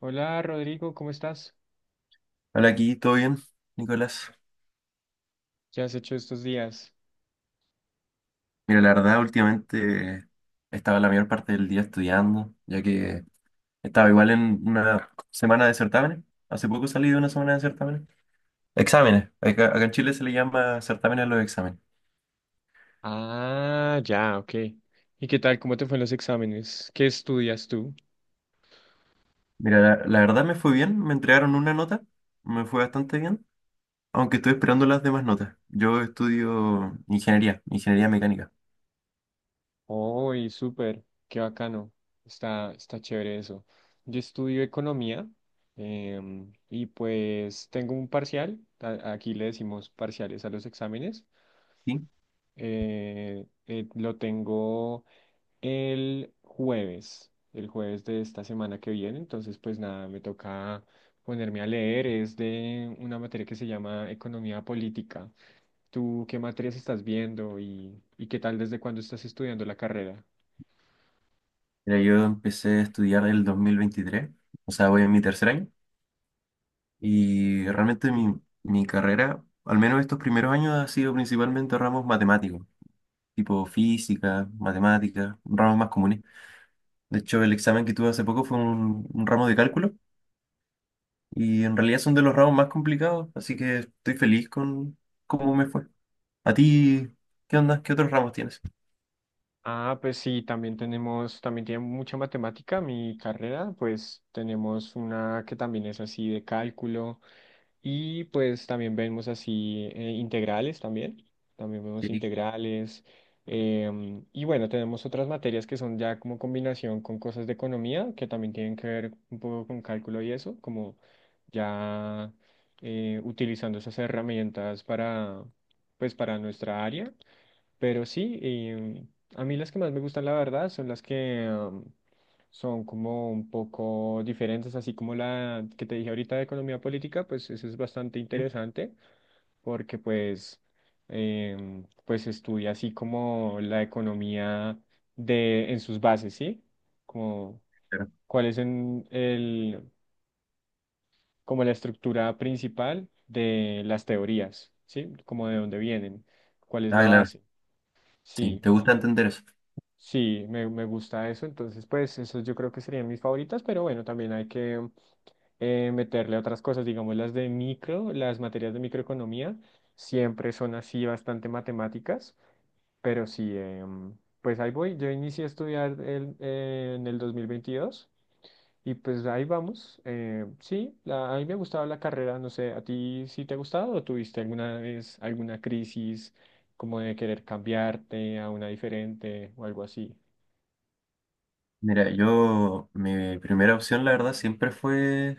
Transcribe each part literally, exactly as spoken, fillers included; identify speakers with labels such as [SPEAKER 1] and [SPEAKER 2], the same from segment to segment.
[SPEAKER 1] Hola Rodrigo, ¿cómo estás?
[SPEAKER 2] Hola, aquí, ¿todo bien, Nicolás?
[SPEAKER 1] ¿Qué has hecho estos días?
[SPEAKER 2] Mira, la verdad, últimamente estaba la mayor parte del día estudiando, ya que estaba igual en una semana de certámenes. Hace poco salí de una semana de certámenes. Exámenes. Acá, acá en Chile se le llama certámenes a los exámenes.
[SPEAKER 1] Ah, ya, ok. ¿Y qué tal? ¿Cómo te fue en los exámenes? ¿Qué estudias tú?
[SPEAKER 2] Mira, la, la verdad me fue bien, me entregaron una nota, me fue bastante bien, aunque estoy esperando las demás notas. Yo estudio ingeniería, ingeniería mecánica.
[SPEAKER 1] Uy, súper, qué bacano. Está, está chévere eso. Yo estudio economía em, y pues tengo un parcial, a- aquí le decimos parciales a los exámenes.
[SPEAKER 2] ¿Sí?
[SPEAKER 1] Eh, eh, lo tengo el jueves, el jueves de esta semana que viene. Entonces, pues nada, me toca ponerme a leer. Es de una materia que se llama Economía Política. ¿Tú qué materias estás viendo y, y qué tal desde cuándo estás estudiando la carrera?
[SPEAKER 2] Mira, yo empecé a estudiar el dos mil veintitrés, o sea, voy en mi tercer año. Y realmente mi, mi carrera, al menos estos primeros años, ha sido principalmente ramos matemáticos, tipo física, matemáticas, ramos más comunes. De hecho, el examen que tuve hace poco fue un, un ramo de cálculo y en realidad son de los ramos más complicados, así que estoy feliz con cómo me fue. ¿A ti qué onda? ¿Qué otros ramos tienes?
[SPEAKER 1] Ah, pues sí, también tenemos, también tiene mucha matemática mi carrera, pues tenemos una que también es así de cálculo. Y pues también vemos así eh, integrales también, también vemos
[SPEAKER 2] Sí,
[SPEAKER 1] integrales. Em, y bueno, tenemos otras materias que son ya como combinación con cosas de economía, que también tienen que ver un poco con cálculo y eso, como ya eh, utilizando esas herramientas para, pues, para nuestra área. Pero sí, y a mí las que más me gustan, la verdad, son las que am, son como un poco diferentes, así como la que te dije ahorita de economía política, pues eso es bastante
[SPEAKER 2] sí,
[SPEAKER 1] interesante porque pues, em, pues estudia así como la economía de, en sus bases, ¿sí? Como
[SPEAKER 2] claro.
[SPEAKER 1] cuál es en el, como la estructura principal de las teorías, ¿sí? Como de dónde vienen, cuál es
[SPEAKER 2] Ah,
[SPEAKER 1] la
[SPEAKER 2] claro,
[SPEAKER 1] base,
[SPEAKER 2] sí,
[SPEAKER 1] sí.
[SPEAKER 2] te gusta entender eso.
[SPEAKER 1] Sí, me, me gusta eso, entonces pues esos yo creo que serían mis favoritas, pero bueno, también hay que eh, meterle otras cosas, digamos las de micro, las materias de microeconomía, siempre son así bastante matemáticas, pero sí, em, pues ahí voy, yo inicié a estudiar el- eh, en el dos mil veintidós y pues ahí vamos, eh, sí, la- a mí me ha gustado la carrera, no sé, ¿a ti sí te ha gustado o tuviste alguna vez alguna crisis como de querer cambiarte a una diferente o algo así?
[SPEAKER 2] Mira, yo, mi primera opción, la verdad, siempre fue.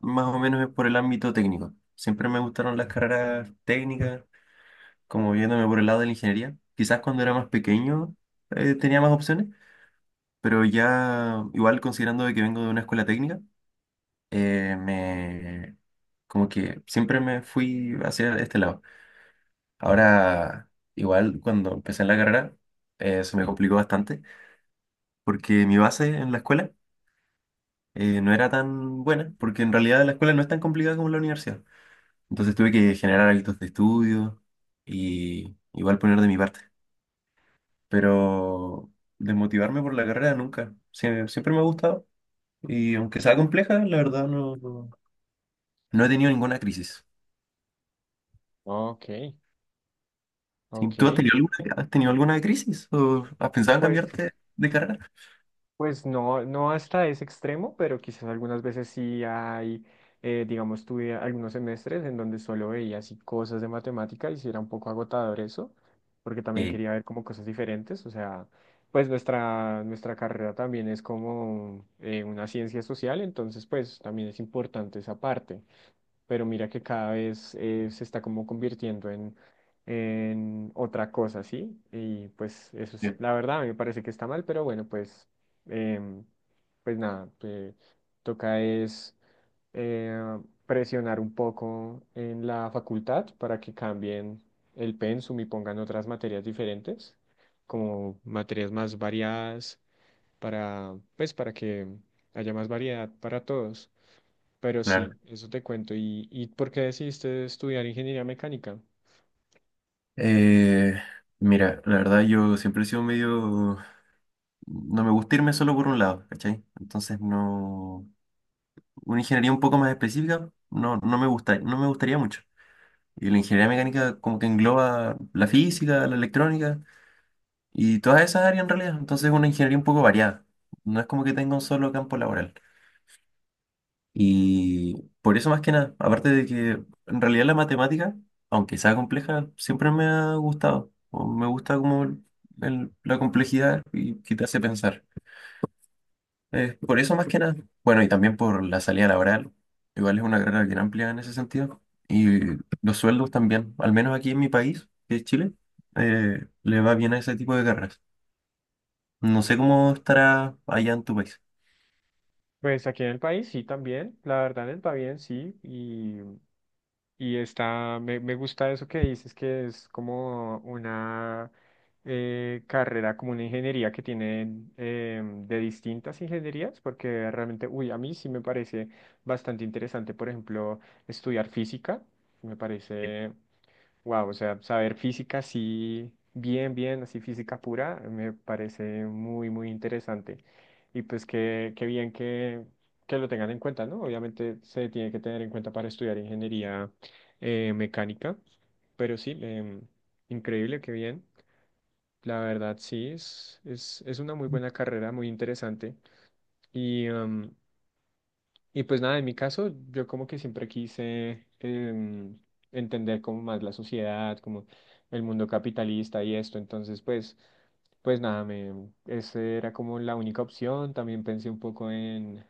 [SPEAKER 2] Más o menos es por el ámbito técnico. Siempre me gustaron las carreras técnicas, como viéndome por el lado de la ingeniería. Quizás cuando era más pequeño eh, tenía más opciones, pero ya igual considerando de que vengo de una escuela técnica, eh, me como que siempre me fui hacia este lado. Ahora, igual cuando empecé en la carrera, eh, se me complicó bastante, porque mi base en la escuela eh, no era tan buena, porque en realidad la escuela no es tan complicada como la universidad. Entonces tuve que generar hábitos de estudio y igual poner de mi parte. Pero desmotivarme por la carrera nunca. Sie- Siempre, me ha gustado. Y aunque sea compleja, la verdad no, no, no he tenido ninguna crisis.
[SPEAKER 1] Ok,
[SPEAKER 2] Sí, ¿tú has
[SPEAKER 1] ok.
[SPEAKER 2] tenido alguna, has tenido alguna crisis? ¿O has pensado en
[SPEAKER 1] Pues,
[SPEAKER 2] cambiarte de carrera?
[SPEAKER 1] pues no, no hasta ese extremo, pero quizás algunas veces sí hay, eh, digamos, tuve algunos semestres en donde solo veía así cosas de matemática y sí era un poco agotador eso, porque también
[SPEAKER 2] Sí,
[SPEAKER 1] quería ver como cosas diferentes. O sea, pues nuestra, nuestra carrera también es como eh, una ciencia social, entonces pues también es importante esa parte. Pero mira que cada vez eh, se está como convirtiendo en, en otra cosa, ¿sí? Y pues eso es,
[SPEAKER 2] sí,
[SPEAKER 1] la verdad, a mí me parece que está mal, pero bueno, pues, em, pues nada, eh, toca es eh, presionar un poco en la facultad para que cambien el pensum y pongan otras materias diferentes, como materias más variadas para, pues, para que haya más variedad para todos. Pero
[SPEAKER 2] claro.
[SPEAKER 1] sí, eso te cuento. ¿Y, y por qué decidiste estudiar ingeniería mecánica?
[SPEAKER 2] Eh, mira, la verdad yo siempre he sido medio... No me gusta irme solo por un lado, ¿cachai? Entonces no... una ingeniería un poco más específica no, no me gusta, no me gustaría mucho. Y la ingeniería mecánica como que engloba la física, la electrónica y todas esas áreas en realidad. Entonces es una ingeniería un poco variada. No es como que tenga un solo campo laboral. Y por eso más que nada, aparte de que en realidad la matemática, aunque sea compleja, siempre me ha gustado. O me gusta como el- el- la complejidad y que te hace pensar. Eh, por eso más que nada, bueno, y también por la salida laboral, igual es una carrera bien amplia en ese sentido, y los sueldos también, al menos aquí en mi país, que es Chile, eh, le va bien a ese tipo de carreras. No sé cómo estará allá en tu país.
[SPEAKER 1] Pues aquí en el país sí también, la verdad en el Pabellón sí, y, y está, me, me gusta eso que dices que es como una eh, carrera, como una ingeniería que tiene eh, de distintas ingenierías, porque realmente, uy, a mí sí me parece bastante interesante, por ejemplo, estudiar física, me parece wow, o sea, saber física así, bien, bien, así física pura, me parece muy, muy interesante. Y pues qué, qué bien que, que lo tengan en cuenta, ¿no? Obviamente se tiene que tener en cuenta para estudiar ingeniería eh, mecánica, pero sí, em, increíble, qué bien. La verdad, sí, es, es, es una muy buena carrera, muy interesante. Y, em, y pues nada, en mi caso, yo como que siempre quise em, entender como más la sociedad, como el mundo capitalista y esto. Entonces, pues, pues nada, me, esa era como la única opción. También pensé un poco en,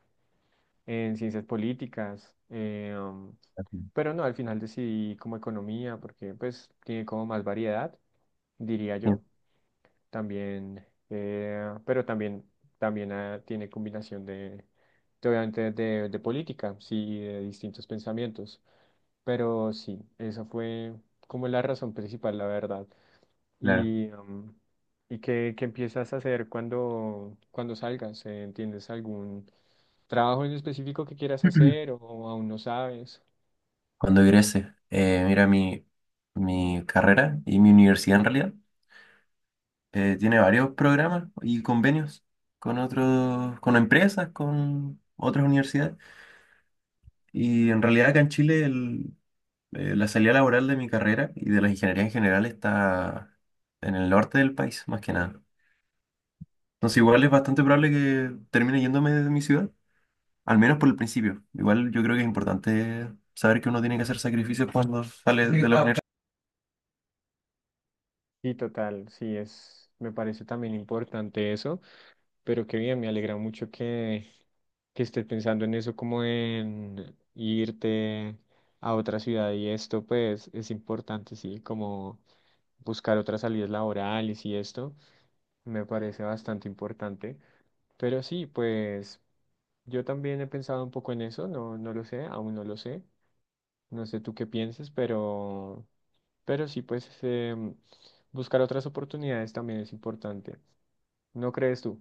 [SPEAKER 1] en ciencias políticas, eh, um,
[SPEAKER 2] Ujú.
[SPEAKER 1] pero no, al final decidí como economía, porque pues tiene como más variedad, diría
[SPEAKER 2] Sí,
[SPEAKER 1] yo. También, eh, pero también, también ah, tiene combinación de, de, obviamente, de, de política, sí, de distintos pensamientos. Pero sí, esa fue como la razón principal, la verdad.
[SPEAKER 2] claro.
[SPEAKER 1] ¿Y, um, ¿y qué, qué empiezas a hacer cuando, cuando salgas? Eh, ¿Tienes algún trabajo en específico que quieras hacer o aún no sabes?
[SPEAKER 2] Cuando egrese, eh, mira, mi, mi carrera y mi universidad en realidad eh, tiene varios programas y convenios con otros, con empresas, con otras universidades. Y en realidad acá en Chile el, Eh, la salida laboral de mi carrera y de las ingenierías en general está en el norte del país, más que nada. Entonces igual es bastante probable que termine yéndome de mi ciudad, al menos por el principio. Igual yo creo que es importante saber que uno tiene que hacer sacrificios cuando sale. Sí, de la ah, universidad.
[SPEAKER 1] Sí, total, sí, es, me parece también importante eso, pero qué bien, me alegra mucho que que estés pensando en eso como en irte a otra ciudad y esto, pues es importante, sí, como buscar otras salidas laborales y esto, me parece bastante importante. Pero sí, pues yo también he pensado un poco en eso, no, no lo sé, aún no lo sé, no sé tú qué pienses, pero, pero sí, pues em, buscar otras oportunidades también es importante, ¿no crees tú?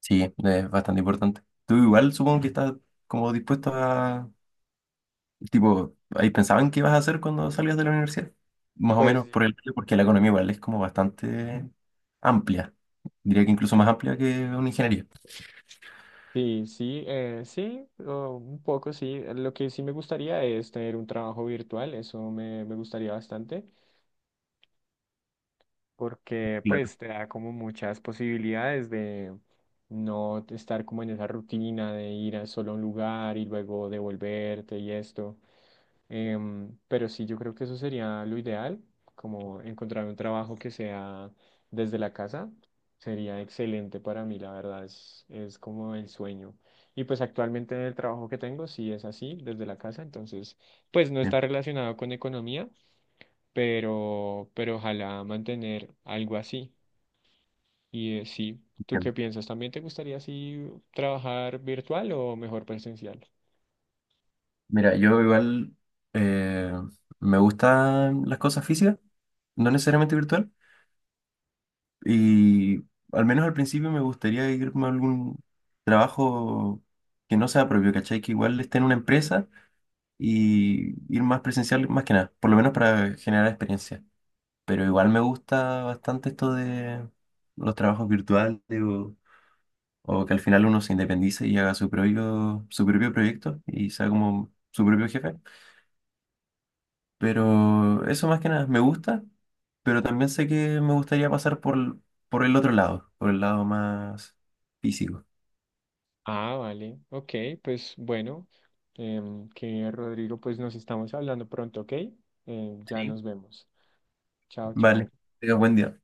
[SPEAKER 2] Sí, es bastante importante. Tú igual supongo que estás como dispuesto a, tipo, ahí pensaban qué ibas a hacer cuando salías de la universidad, más o
[SPEAKER 1] Pues
[SPEAKER 2] menos por el, porque la economía igual es como bastante amplia, diría que incluso más amplia que una ingeniería.
[SPEAKER 1] sí, sí, eh, sí, o un poco sí. Eh, lo que sí me gustaría es tener un trabajo virtual, eso me, me gustaría bastante, porque
[SPEAKER 2] Claro,
[SPEAKER 1] pues te da como muchas posibilidades de no estar como en esa rutina de ir a solo a un lugar y luego devolverte y esto. Em, pero sí, yo creo que eso sería lo ideal, como encontrar un trabajo que sea desde la casa, sería excelente para mí, la verdad, es, es como el sueño. Y pues actualmente en el trabajo que tengo, sí es así, desde la casa, entonces, pues no
[SPEAKER 2] sí,
[SPEAKER 1] está relacionado con economía, pero, pero ojalá mantener algo así. Y eh, sí, ¿tú qué
[SPEAKER 2] entiendo.
[SPEAKER 1] piensas? ¿También te gustaría así trabajar virtual o mejor presencial?
[SPEAKER 2] Mira, yo igual eh, me gustan las cosas físicas, no necesariamente virtual, y al menos al principio me gustaría irme a algún trabajo que no sea propio, ¿cachai? Que igual esté en una empresa y ir más presencial más que nada, por lo menos para generar experiencia. Pero igual me gusta bastante esto de los trabajos virtuales o, o que al final uno se independice y haga su propio, su propio proyecto y sea como su propio jefe. Pero eso más que nada me gusta, pero también sé que me gustaría pasar por, por el otro lado, por el lado más físico.
[SPEAKER 1] Ah, vale. Ok, pues bueno, em, que Rodrigo, pues nos estamos hablando pronto, ¿ok? Em, ya
[SPEAKER 2] Sí.
[SPEAKER 1] nos vemos. Chao,
[SPEAKER 2] Vale,
[SPEAKER 1] chao.
[SPEAKER 2] tenga buen día.